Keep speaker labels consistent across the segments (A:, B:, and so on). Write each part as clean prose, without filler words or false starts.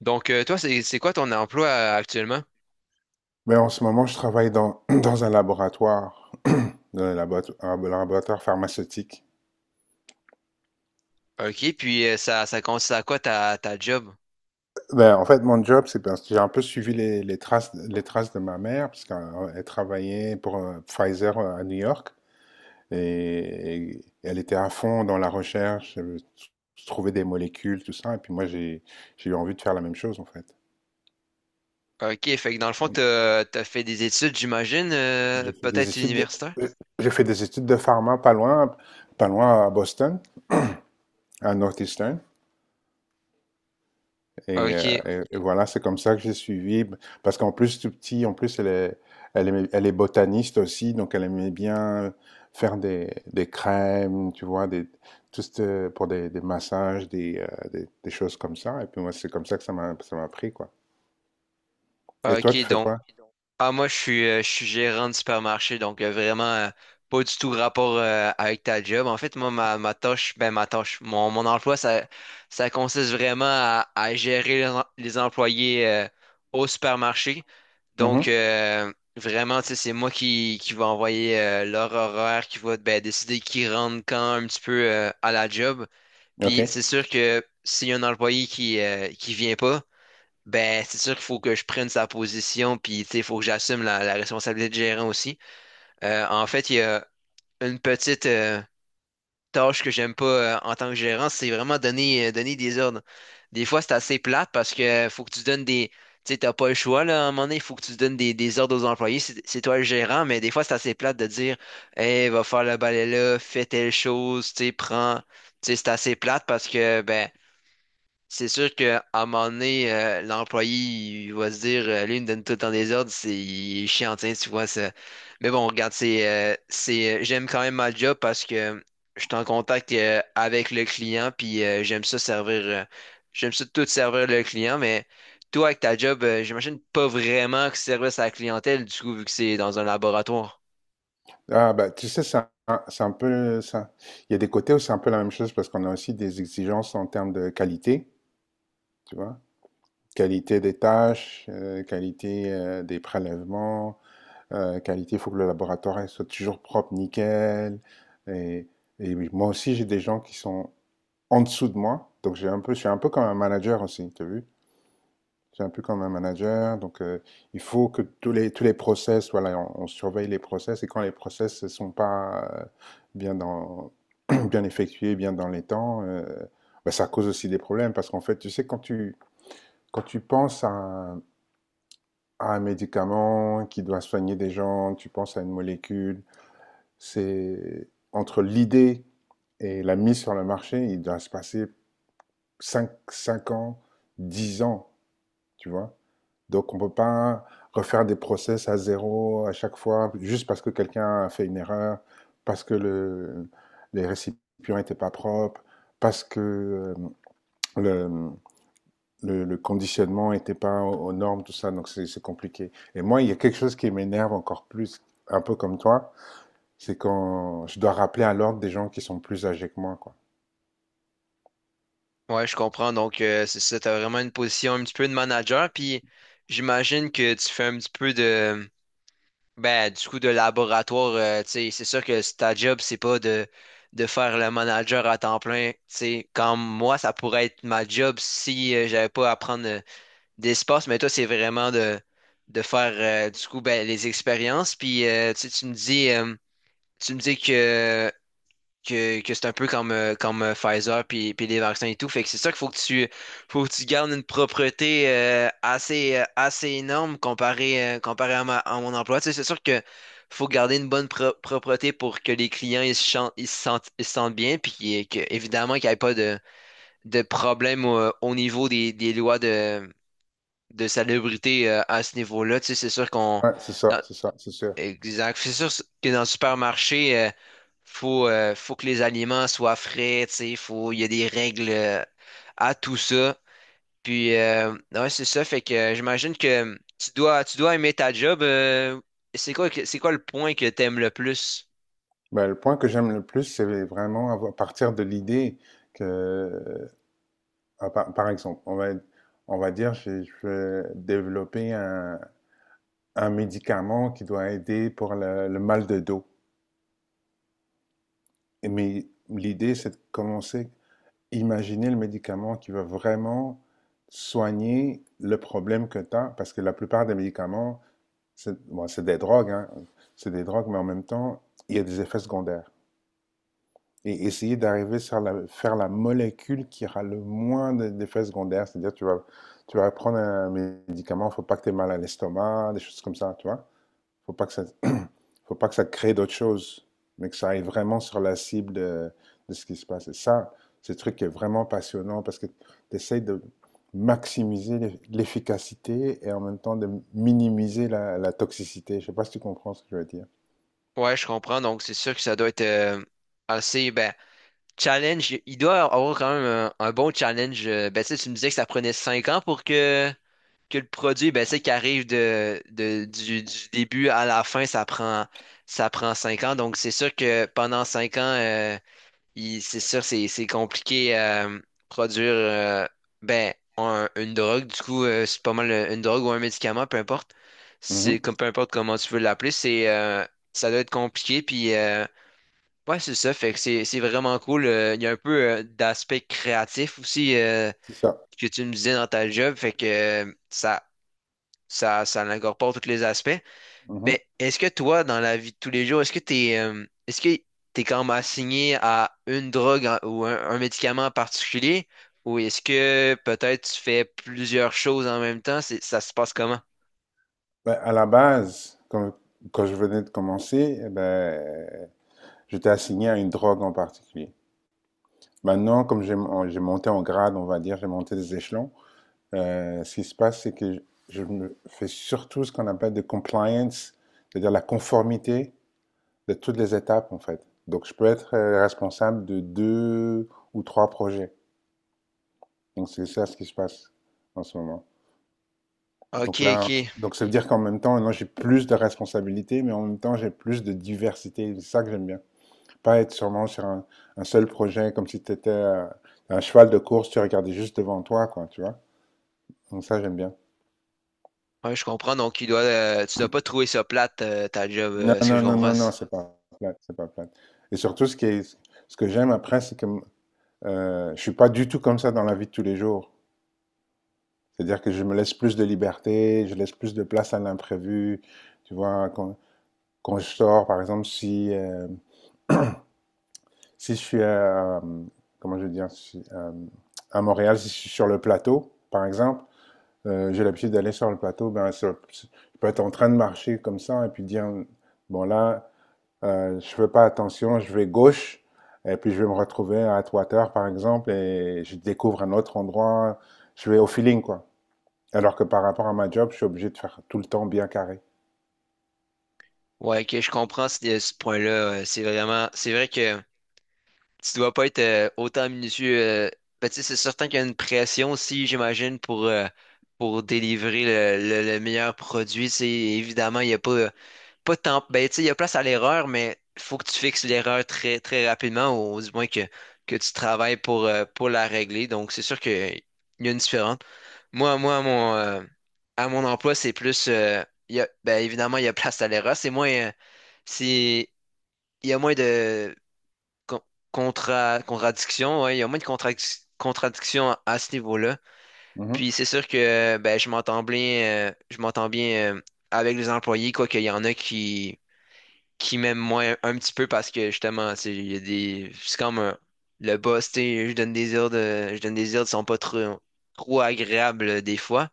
A: Toi, c'est quoi ton emploi actuellement?
B: Ben, en ce moment, je travaille dans un laboratoire, dans un un laboratoire pharmaceutique.
A: OK, puis ça, ça consiste à quoi ta, ta job?
B: Ben, en fait, mon job, c'est parce que j'ai un peu suivi les traces de ma mère, parce qu'elle travaillait pour Pfizer à New York, et elle était à fond dans la recherche, trouver des molécules, tout ça, et puis j'ai eu envie de faire la même chose, en fait.
A: OK, fait que dans le fond, t'as, t'as fait des études, j'imagine,
B: J'ai fait des
A: peut-être
B: études de,
A: universitaire?
B: euh, j'ai fait des études de pharma pas loin, pas loin à Boston, à Northeastern. Et, euh,
A: OK,
B: et voilà, c'est comme ça que j'ai suivi. Parce qu'en plus, tout petit, en plus, elle est botaniste aussi, donc elle aimait bien faire des crèmes, tu vois, des, tout ce- pour des massages, des choses comme ça. Et puis moi, c'est comme ça que ça m'a pris, quoi. Et toi,
A: OK,
B: tu fais Ok. quoi?
A: Ah, moi, je suis gérant de supermarché, donc vraiment pas du tout rapport avec ta job. En fait, moi, ma tâche, ben ma tâche, mon emploi, ça consiste vraiment à gérer les, em- les employés au supermarché. Donc,
B: Mhm.
A: vraiment, tu sais, c'est moi qui va envoyer leur horaire, qui va ben, décider qui rentre quand un petit peu à la job.
B: Ok.
A: Puis, c'est sûr que s'il y a un employé qui vient pas, ben, c'est sûr qu'il faut que je prenne sa position, puis tu sais, il faut que j'assume la, la responsabilité de gérant aussi. En fait, il y a une petite tâche que j'aime pas en tant que gérant, c'est vraiment donner, donner des ordres. Des fois, c'est assez plate parce que faut que tu donnes des. Tu sais, t'as pas le choix, là, à un moment donné, il faut que tu donnes des ordres aux employés. C'est toi le gérant, mais des fois, c'est assez plate de dire Hey, va faire le balai là, fais telle chose, tu sais, prends. Tu sais, c'est assez plate parce que ben c'est sûr qu'à un moment donné, l'employé il va se dire lui, il me donne tout le temps des ordres, c'est il est chiant, tiens, tu vois ça. Mais bon, regarde, c'est j'aime quand même ma job parce que je suis en contact avec le client, puis j'aime ça servir j'aime ça tout servir le client, mais toi avec ta job, j'imagine pas vraiment que service à la clientèle, du coup, vu que c'est dans un laboratoire.
B: Ah, bah, tu sais, c'est un peu ça. Il y a des côtés où c'est un peu la même chose parce qu'on a aussi des exigences en termes de qualité, tu vois. Qualité des tâches, qualité des prélèvements, qualité, il faut que le laboratoire soit toujours propre, nickel. Et, et oui, moi aussi, j'ai des gens qui sont en dessous de moi, donc j'ai un peu, je suis un peu comme un manager aussi, tu as vu? Je suis un peu comme un manager, donc il faut que tous les process, voilà, on surveille les process, et quand les process ne sont pas bien, dans, bien effectués, bien dans les temps, ben, ça cause aussi des problèmes, parce qu'en fait, tu sais, quand tu penses à un médicament qui doit soigner des gens, tu penses à une molécule. C'est entre l'idée et la mise sur le marché, il doit se passer cinq ans, 10 ans, tu vois. Donc on ne peut pas refaire des process à zéro à chaque fois, juste parce que quelqu'un a fait une erreur, parce que le, les récipients n'étaient pas propres, parce que euh, le, le conditionnement n'était pas aux, normes, tout ça, donc c'est compliqué. Et moi, il y a quelque chose qui m'énerve encore plus, un peu comme toi, c'est quand je dois rappeler à l'ordre des gens qui sont plus âgés que moi, quoi.
A: Ouais, je comprends. Donc, c'est ça, t'as vraiment une position un petit peu de manager, puis j'imagine que tu fais un petit peu de. Ben, du coup, de laboratoire, tu sais, c'est sûr que c- ta job, c'est pas de, de faire le manager à temps plein. Tu sais, comme moi, ça pourrait être ma job si j'avais pas à prendre d'espace, mais toi, c'est vraiment de faire, du coup, ben, les expériences. Puis, tu sais, tu me dis que c'est un peu comme, comme Pfizer puis, puis les vaccins et tout. Fait que c'est ça qu'il faut que tu gardes une propreté assez, assez énorme comparé, comparé à, ma- à mon emploi. Tu sais, c'est sûr que faut garder une bonne pro- propreté pour que les clients ils se, chan- ils se sentent bien puis qu'il- que, évidemment qu'il n'y ait pas de, de problème au, au niveau des lois de salubrité à ce niveau-là. Tu sais, c'est sûr qu'on
B: Ouais, c'est ça,
A: dans,
B: c'est ça, c'est sûr.
A: Exact. C'est sûr que dans le supermarché, faut, faut que les aliments soient frais, tu sais, faut, il y a des règles à tout ça. Puis, ouais, c'est ça. Fait que j'imagine que tu dois aimer ta job. C'est quoi, que- c'est quoi le point que t'aimes le plus?
B: Ben, le point que j'aime le plus, c'est vraiment avoir- partir de l'idée que, euh, par exemple, on va dire, je vais développer un médicament qui doit aider pour le mal de dos. Et mais l'idée, c'est de commencer imaginer le médicament qui va vraiment soigner le problème que tu as, parce que la plupart des médicaments, c'est bon, c'est des drogues, hein, c'est des drogues, mais en même temps, il y a des effets secondaires. Et essayer d'arriver à la, faire la molécule qui aura le moins d'effets secondaires, c'est-à-dire tu vas prendre un médicament, il ne faut pas que tu aies mal à l'estomac, des choses comme ça, tu vois. Il ne Faut pas que ça, il ne faut pas que ça crée d'autres choses, mais que ça aille vraiment sur la cible de ce qui se passe. Et ça, c'est un truc qui est vraiment passionnant parce que tu essayes de maximiser l'efficacité et en même temps de minimiser la, la toxicité. Je ne sais pas si tu comprends ce que je veux dire.
A: Ouais, je comprends. Donc, c'est sûr que ça doit être assez, ben, challenge. Il doit avoir quand même un bon challenge. Ben, tu sais, tu me disais que ça prenait 5 ans pour que le produit, ben, c'est qu'il arrive de- du début à la fin, ça prend 5 ans. Donc, c'est sûr que pendant 5 ans, il- c'est sûr, c'est compliqué produire ben, un- une drogue. Du coup, c'est pas mal une drogue ou un médicament, peu importe. C'est
B: Mhm.
A: comme peu importe comment tu veux l'appeler, c'est ça doit être compliqué. Puis ouais, c'est ça. Fait que c'est vraiment cool. Il y a un peu d'aspect créatif aussi
B: C'est ça.
A: que tu me disais dans ta job. Fait que ça ça, ça incorpore tous les aspects.
B: Mhm.
A: Mais est-ce que toi, dans la vie de tous les jours, est-ce que t'es quand même assigné à une drogue en- ou un médicament en particulier? Ou est-ce que peut-être tu fais plusieurs choses en même temps? C'est- ça se passe comment?
B: Ben, à la base, quand je venais de commencer, eh ben, j'étais assigné à une drogue en particulier. Maintenant, comme j'ai monté en grade, on va dire, j'ai monté des échelons, ce qui se passe, c'est que me fais surtout ce qu'on appelle de compliance, c'est-à-dire la conformité de toutes les étapes, en fait. Donc, je peux être responsable de deux ou trois projets. Donc, c'est ça ce qui se passe en ce moment.
A: Ok,
B: Donc là,
A: ok.
B: donc ça veut dire qu'en même temps, maintenant, j'ai plus de responsabilités, mais en même temps, j'ai plus de diversité. C'est ça que j'aime bien. Pas être sûrement sur un seul projet, comme si tu étais un cheval de course, tu regardais juste devant toi, quoi, tu vois. Donc ça, j'aime bien.
A: Ouais, je comprends. Donc, il doit, tu dois pas trouver ça plate, ta job.
B: Non,
A: Est-ce que
B: non,
A: je
B: non,
A: comprends?
B: non, non,
A: Ça?
B: c'est pas plate, c'est pas plate. Et surtout, ce que j'aime après, c'est que je suis pas du tout comme ça dans la vie de tous les jours. C'est-à-dire que je me laisse plus de liberté, je laisse plus de place à l'imprévu. Tu vois, quand, quand je sors, par exemple, si, si je suis à, comment je veux dire, si- à Montréal, si je suis sur le plateau, par exemple, j'ai l'habitude d'aller sur le plateau, je peux être en train de marcher comme ça et puis dire, bon là. Je ne fais pas attention, je vais gauche, et puis je vais me retrouver à Atwater, par exemple, et je découvre un autre endroit. Je vais au feeling, quoi. Alors que par rapport à ma job, je suis obligé de faire tout le temps bien carré.
A: Ouais, ok, je comprends ce, ce point-là. C'est vraiment, c'est vrai que. Tu dois pas être autant minutieux. Ben, tu sais, c'est certain qu'il y a une pression aussi, j'imagine, pour délivrer le meilleur produit. Tu sais, évidemment, il y a pas, pas tant, ben, tu sais, il y a place à l'erreur, mais il faut que tu fixes l'erreur très, très rapidement, ou du moins que tu travailles pour la régler. Donc, c'est sûr qu'il y a une différence. Moi, moi, à mon emploi, c'est plus, il y a, ben, évidemment, il y a place à l'erreur. C'est moins, c'est, il y a moins de con- contra- contradiction, ouais, il y a moins de contradic- contradictions à ce niveau-là.
B: Mhm.
A: Puis c'est sûr que ben, je m'entends bien avec les employés, quoi qu'il y en a qui m'aiment moins un petit peu parce que justement, c'est il y a des. C'est comme un- le boss, tu sais, je donne des ordres, je donne des ordres qui sont pas trop, trop agréables des fois.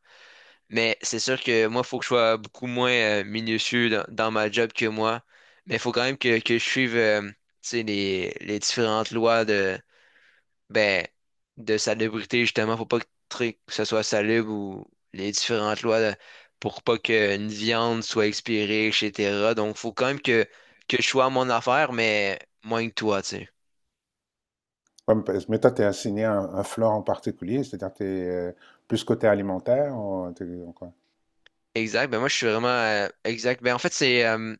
A: Mais c'est sûr que moi, il faut que je sois beaucoup moins minutieux dans, dans ma job que moi. Mais il faut quand même que je suive tu sais, les différentes lois de, ben, de salubrité, justement, faut pas que, tri- que ce soit salubre ou les différentes lois là, pour pas qu'une viande soit expirée, etc. Donc, faut quand même que je sois à mon affaire, mais moins que toi, tu sais.
B: Comme- Mais toi, tu es assigné à un floor en particulier, c'est-à-dire tu es plus côté alimentaire ou ou quoi?
A: Exact. Ben, moi, je suis vraiment exact. Ben, en fait, c'est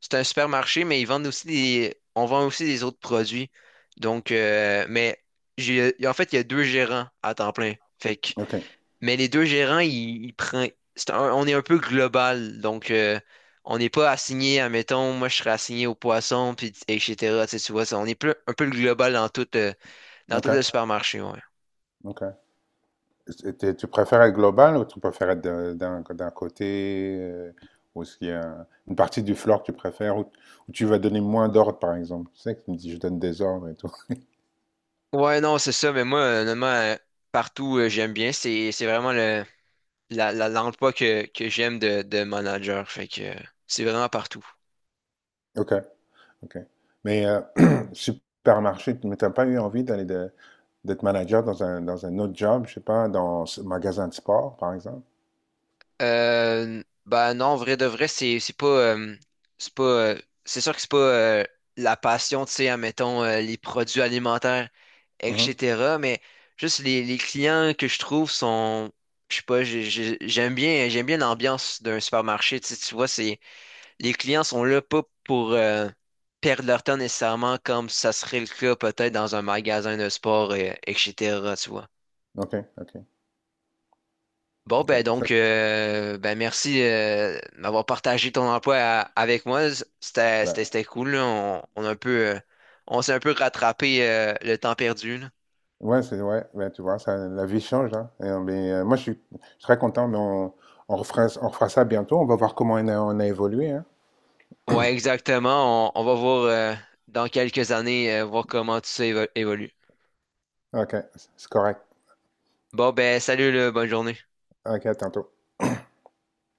A: c'est un supermarché, mais ils vendent aussi des, on vend aussi des autres produits. Donc, mais j'ai, en fait, il y a deux gérants à temps plein. Fait que
B: Ok,
A: Mais les deux gérants, ils prennent. C'est un- on est un peu global, donc on n'est pas assigné, admettons, moi je serais assigné au poisson, puis etc. Tu sais, tu vois, ça, on est plus, un peu le global dans tout le
B: ok,
A: supermarché, ouais.
B: ok. Tu préfères être global ou tu préfères être d'un côté ou est-ce qu'il y a une partie du floor que tu préfères ou tu vas donner moins d'ordre par exemple? Tu sais que tu me dis je donne des ordres et tout.
A: Ouais, non, c'est ça, mais moi, honnêtement, partout, j'aime bien. C'est vraiment le, la, l'emploi que j'aime de manager. Fait que c'est vraiment partout.
B: Ok, ok. Mais supermarché, mais t'as pas eu envie d'être manager dans un autre job, je sais pas, dans un magasin de sport par exemple?
A: Bah non, vrai de vrai, c'est pas c'est sûr que c'est pas la passion, tu sais, admettons les produits alimentaires,
B: Mhm.
A: etc. Mais juste les clients que je trouve sont je sais pas, j'ai- j'aime bien l'ambiance d'un supermarché. Tu sais, tu vois, c'est les clients sont là pas pour perdre leur temps nécessairement comme ça serait le cas peut-être dans un magasin de sport, etc. Tu vois.
B: Ok, ok,
A: Bon, ben
B: ok. Ça,
A: donc, ben merci d'avoir partagé ton emploi à- avec moi. C'était, c'était,
B: ben,
A: c'était cool, là. On a un peu, on s'est un peu rattrapé le temps perdu, là.
B: ouais, c'est ouais, ben, tu vois, ça, la vie change, hein. Moi, je suis très content, on refera ça bientôt. On va voir comment on a évolué, hein.
A: Ouais, exactement. On va voir dans quelques années, voir comment tout ça évo- évolue.
B: Ok, c'est correct.
A: Bon, ben salut, là, bonne journée.
B: Ok, à tantôt.